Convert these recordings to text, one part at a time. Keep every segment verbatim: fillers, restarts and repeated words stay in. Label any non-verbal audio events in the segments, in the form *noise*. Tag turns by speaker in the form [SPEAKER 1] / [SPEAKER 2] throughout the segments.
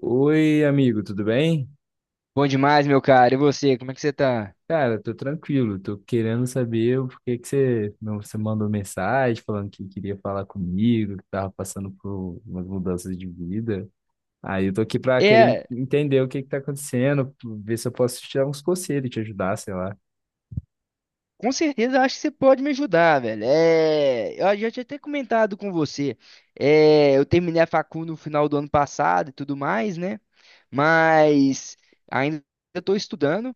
[SPEAKER 1] Oi, amigo, tudo bem?
[SPEAKER 2] Bom demais, meu cara. E você, como é que você tá?
[SPEAKER 1] Cara, tô tranquilo, tô querendo saber por que que você, não- você mandou mensagem falando que queria falar comigo, que tava passando por umas mudanças de vida. Aí eu tô aqui pra querer en-
[SPEAKER 2] É,
[SPEAKER 1] entender o que que tá acontecendo, ver se eu posso te dar uns conselhos, te ajudar, sei lá.
[SPEAKER 2] com certeza eu acho que você pode me ajudar, velho. É, eu já tinha até comentado com você. É, eu terminei a facu no final do ano passado e tudo mais, né? Mas ainda estou estudando,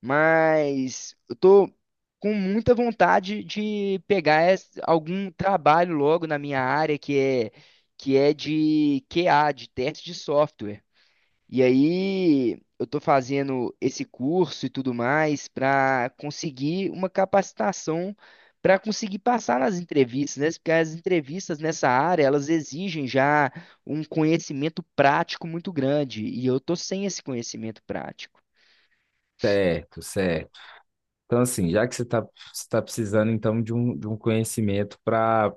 [SPEAKER 2] mas eu tô com muita vontade de pegar es- algum trabalho logo na minha área que é que é de Q A, de teste de software. E aí eu tô fazendo esse curso e tudo mais para conseguir uma capacitação para conseguir passar nas entrevistas, né? Porque as entrevistas nessa área, elas exigem já um conhecimento prático muito grande, e eu tô sem esse conhecimento prático.
[SPEAKER 1] Certo, certo. Então, assim, já que você está você tá precisando, então, de um, de um conhecimento para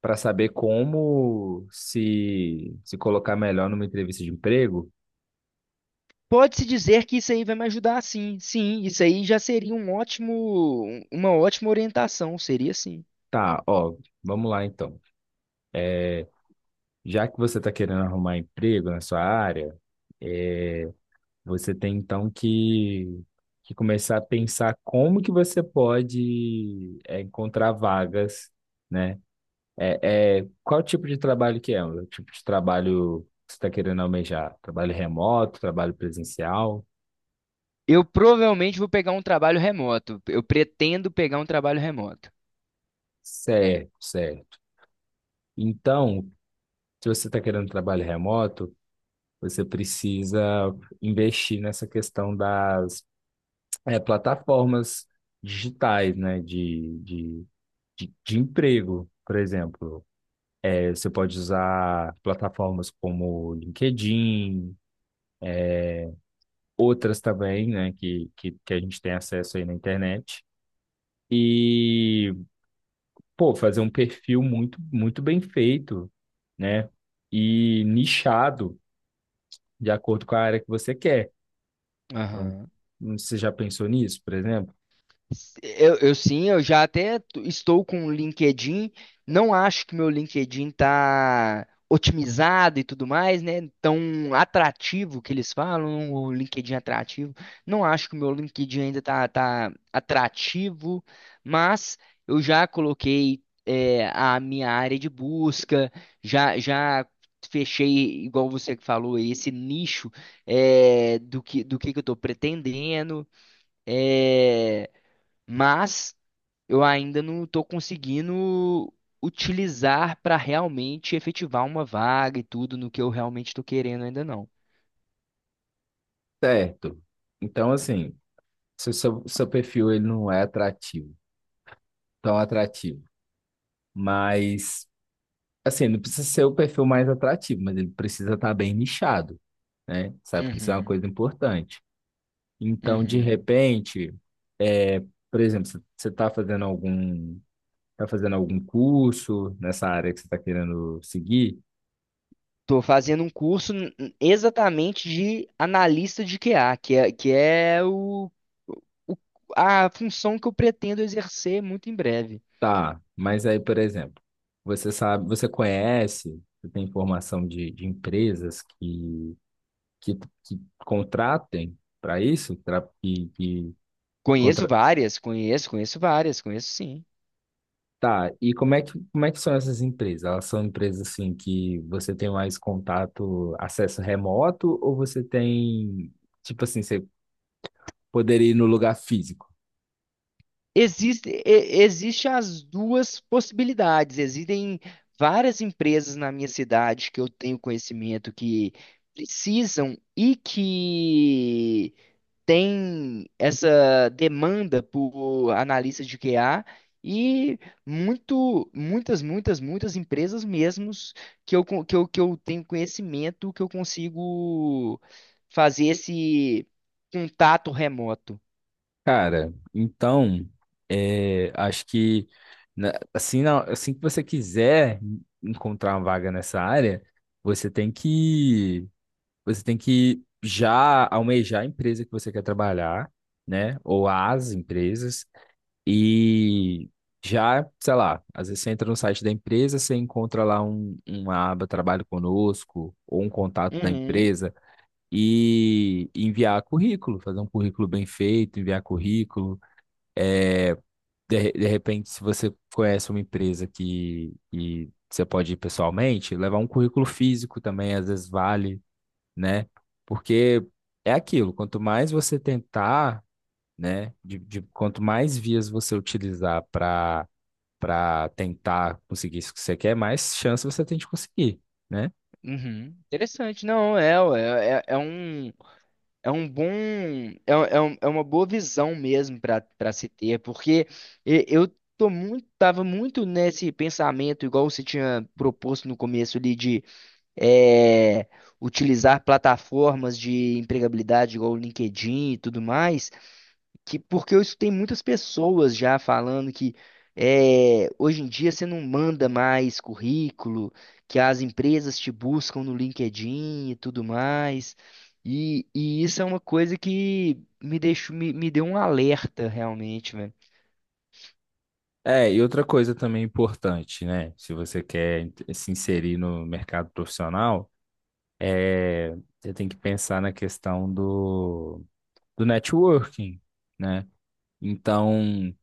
[SPEAKER 1] para saber como se, se colocar melhor numa entrevista de emprego,
[SPEAKER 2] Pode-se dizer que isso aí vai me ajudar, sim. Sim, isso aí já seria um ótimo, um, uma ótima orientação, seria sim.
[SPEAKER 1] tá, ó, vamos lá, então. Já que você está querendo arrumar emprego na sua área, é, você tem então que, que começar a pensar como que você pode é, encontrar vagas, né? É, é, qual tipo de trabalho que é? O tipo de trabalho que você está querendo almejar? Trabalho remoto, trabalho presencial?
[SPEAKER 2] Eu provavelmente vou pegar um trabalho remoto. Eu pretendo pegar um trabalho remoto.
[SPEAKER 1] Certo, certo. Então, se você está querendo trabalho remoto, você precisa investir nessa questão das é, plataformas digitais, né, de, de, de, de emprego, por exemplo. É, você pode usar plataformas como LinkedIn, outras também, né, que, que, que a gente tem acesso aí na internet. E, pô, fazer um perfil muito, muito bem feito, né, e nichado de acordo com a área que você quer. Então,
[SPEAKER 2] Aham.
[SPEAKER 1] você já pensou nisso, por exemplo?
[SPEAKER 2] Eu, eu sim, eu já até t- estou com o LinkedIn. Não acho que meu LinkedIn tá otimizado e tudo mais, né? Tão atrativo que eles falam, o LinkedIn é atrativo. Não acho que o meu LinkedIn ainda tá, tá atrativo, mas eu já coloquei é, a minha área de busca, já, já fechei, igual você que falou, esse nicho é, do que, do que que eu estou pretendendo. eh, mas eu ainda não estou conseguindo utilizar para realmente efetivar uma vaga e tudo no que eu realmente estou querendo ainda não.
[SPEAKER 1] Certo. Então, assim, se o seu, seu perfil ele não é atrativo, tão atrativo. Mas, assim, não precisa ser o perfil mais atrativo, mas ele precisa estar bem nichado, né? Sabe que isso é uma
[SPEAKER 2] Uhum,
[SPEAKER 1] coisa importante. Então, de
[SPEAKER 2] uhum.
[SPEAKER 1] repente, é, por exemplo, você você está fazendo algum, tá fazendo algum curso nessa área que você está querendo seguir?
[SPEAKER 2] Estou fazendo um curso n- n- exatamente de analista de Q A, que é, que é o, o- a função que eu pretendo exercer muito em breve.
[SPEAKER 1] Tá, mas aí, por exemplo, você sabe, você conhece, você tem informação de, de empresas que, que, que contratem para isso, tra- que, que
[SPEAKER 2] Conheço várias, conheço, conheço várias, conheço sim.
[SPEAKER 1] Tá, e como é que, como é que são essas empresas? Elas são empresas assim que você tem mais contato, acesso remoto, ou você tem, tipo assim, você poderia ir no lugar físico?
[SPEAKER 2] Existe, e- existe as duas possibilidades. Existem várias empresas na minha cidade que eu tenho conhecimento que precisam e que têm essa demanda por analistas de Q A e muito, muitas, muitas, muitas empresas mesmos que eu, con- que eu, que eu tenho conhecimento que eu consigo fazer esse contato remoto.
[SPEAKER 1] Cara, então, é, acho que na- assim, na- assim que você quiser encontrar uma vaga nessa área, você tem que, você tem que já almejar a empresa que você quer trabalhar, né? Ou as empresas. E já, sei lá, às vezes você entra no site da empresa, você encontra lá um, uma aba Trabalho Conosco ou um contato da empresa e enviar currículo, fazer um currículo bem feito, enviar currículo. É, de, de repente, se você conhece uma empresa que, que você pode ir pessoalmente, levar um currículo físico também, às vezes vale, né? Porque é aquilo, quanto mais você tentar, né, de, de- quanto mais vias você utilizar para para tentar conseguir isso que você quer, mais chance você tem de conseguir, né?
[SPEAKER 2] Uhum. Interessante, não, é, ué, é, é um, é um bom, é, é, um- é uma boa visão mesmo para para se ter, porque e- eu tô muito, tava muito nesse pensamento, igual você tinha proposto no começo ali, de é, utilizar plataformas de empregabilidade, igual o LinkedIn e tudo mais, que porque eu escutei muitas pessoas já falando que é, hoje em dia você não manda mais currículo, que as empresas te buscam no LinkedIn e tudo mais. E, e isso é uma coisa que me deixou, me, me deu um alerta realmente, velho.
[SPEAKER 1] É, e outra coisa também importante, né? Se você quer ent- se inserir no mercado profissional, é, você tem que pensar na questão do, do networking, né? Então,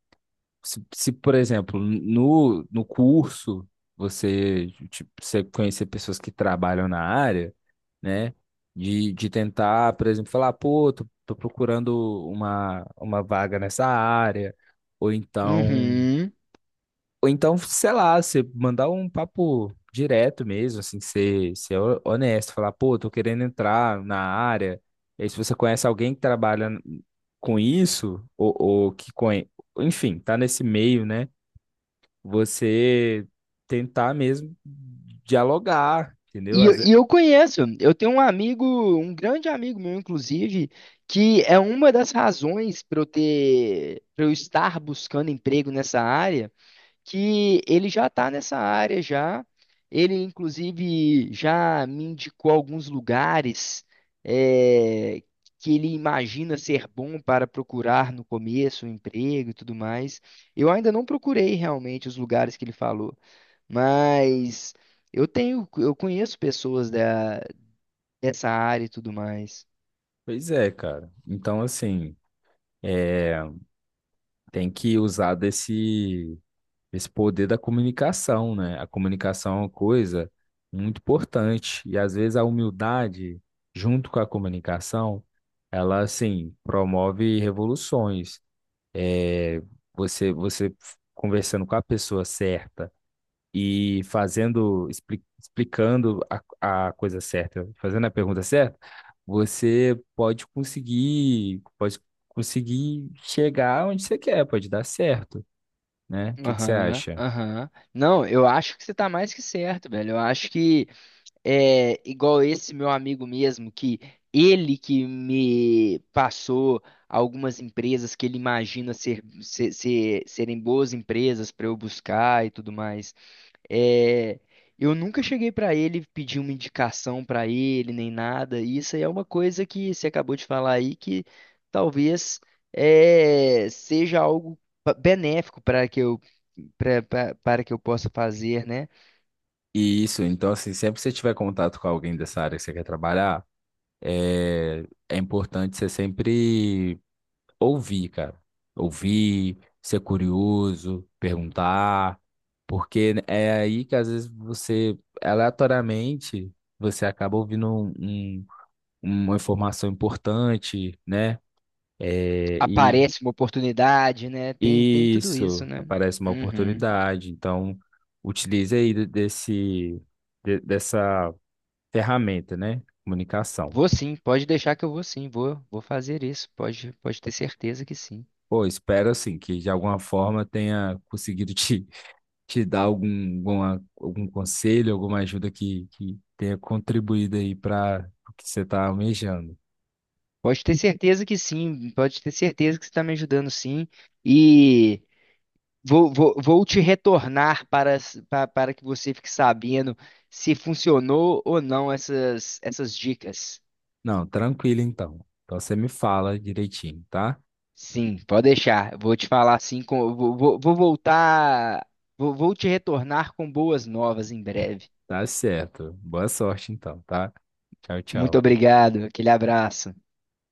[SPEAKER 1] Se, se, por exemplo, no, no curso você, tipo, você conhecer pessoas que trabalham na área, né? De, de tentar, por exemplo, falar, pô, tô, tô procurando uma, uma vaga nessa área, ou então,
[SPEAKER 2] Uhum.
[SPEAKER 1] ou então, sei lá, você mandar um papo direto mesmo, assim, ser, ser ho- honesto, falar, pô, tô querendo entrar na área. E aí, se você conhece alguém que trabalha com isso, ou, ou que conhe... enfim, tá nesse meio, né? Você tentar mesmo dialogar, entendeu?
[SPEAKER 2] E, eu
[SPEAKER 1] Às ve-
[SPEAKER 2] e eu conheço, eu tenho um amigo, um grande amigo meu, inclusive, que é uma das razões para eu ter, para eu estar buscando emprego nessa área que ele já está nessa área já. Ele, inclusive, já me indicou alguns lugares eh, que ele imagina ser bom para procurar no começo, um emprego e tudo mais. Eu ainda não procurei realmente os lugares que ele falou, mas eu tenho, eu conheço pessoas da, dessa área e tudo mais.
[SPEAKER 1] Pois é, cara. Então, assim, é, tem que usar desse, desse poder da comunicação, né? A comunicação é uma coisa muito importante. E às vezes a humildade, junto com a comunicação, ela, assim, promove revoluções. É, você, você conversando com a pessoa certa e fazendo, expli- explicando a, a coisa certa, fazendo a pergunta certa, você pode conseguir, pode conseguir chegar onde você quer, pode dar certo, né? O que que você
[SPEAKER 2] Aham,
[SPEAKER 1] acha?
[SPEAKER 2] aham. Não, eu acho que você está mais que certo, velho. Eu acho que é, igual esse meu amigo mesmo, que ele que me passou algumas empresas que ele imagina ser, ser- ser- serem boas empresas para eu buscar e tudo mais. É, eu nunca cheguei para ele pedir uma indicação para ele nem nada. E isso aí é uma coisa que você acabou de falar aí que talvez é, seja algo pa- benéfico para que eu para para que eu possa fazer, né?
[SPEAKER 1] E isso, então, assim, sempre que você tiver contato com alguém dessa área que você quer trabalhar, é, é importante você sempre ouvir, cara. Ouvir, ser curioso, perguntar, porque é aí que às vezes você, aleatoriamente, você acaba ouvindo um- um- uma informação importante, né? É, e
[SPEAKER 2] Aparece uma oportunidade, né? Tem, tem tudo isso,
[SPEAKER 1] isso
[SPEAKER 2] né?
[SPEAKER 1] aparece uma
[SPEAKER 2] Uhum.
[SPEAKER 1] oportunidade. Então, utilize aí de- desse, de- dessa ferramenta, né? Comunicação.
[SPEAKER 2] Vou sim, pode deixar que eu vou sim, vou, vou fazer isso, pode, pode ter certeza que sim.
[SPEAKER 1] Pô, espero assim que de alguma forma tenha conseguido *laughs* te te dar algum, alguma- algum conselho, alguma ajuda que, que tenha contribuído aí para o que você está almejando.
[SPEAKER 2] Pode ter certeza que sim, pode ter certeza que você está me ajudando sim. E vou, vou, vou te retornar para, para, para que você fique sabendo se funcionou ou não essas, essas dicas.
[SPEAKER 1] Não, tranquilo então. Então você me fala direitinho, tá?
[SPEAKER 2] Sim, pode deixar. Vou te falar assim, com, vou, vou vou voltar, vou, vou te retornar com boas novas em breve.
[SPEAKER 1] Tá certo. Boa sorte então, tá? Tchau,
[SPEAKER 2] Muito
[SPEAKER 1] tchau.
[SPEAKER 2] obrigado, aquele abraço.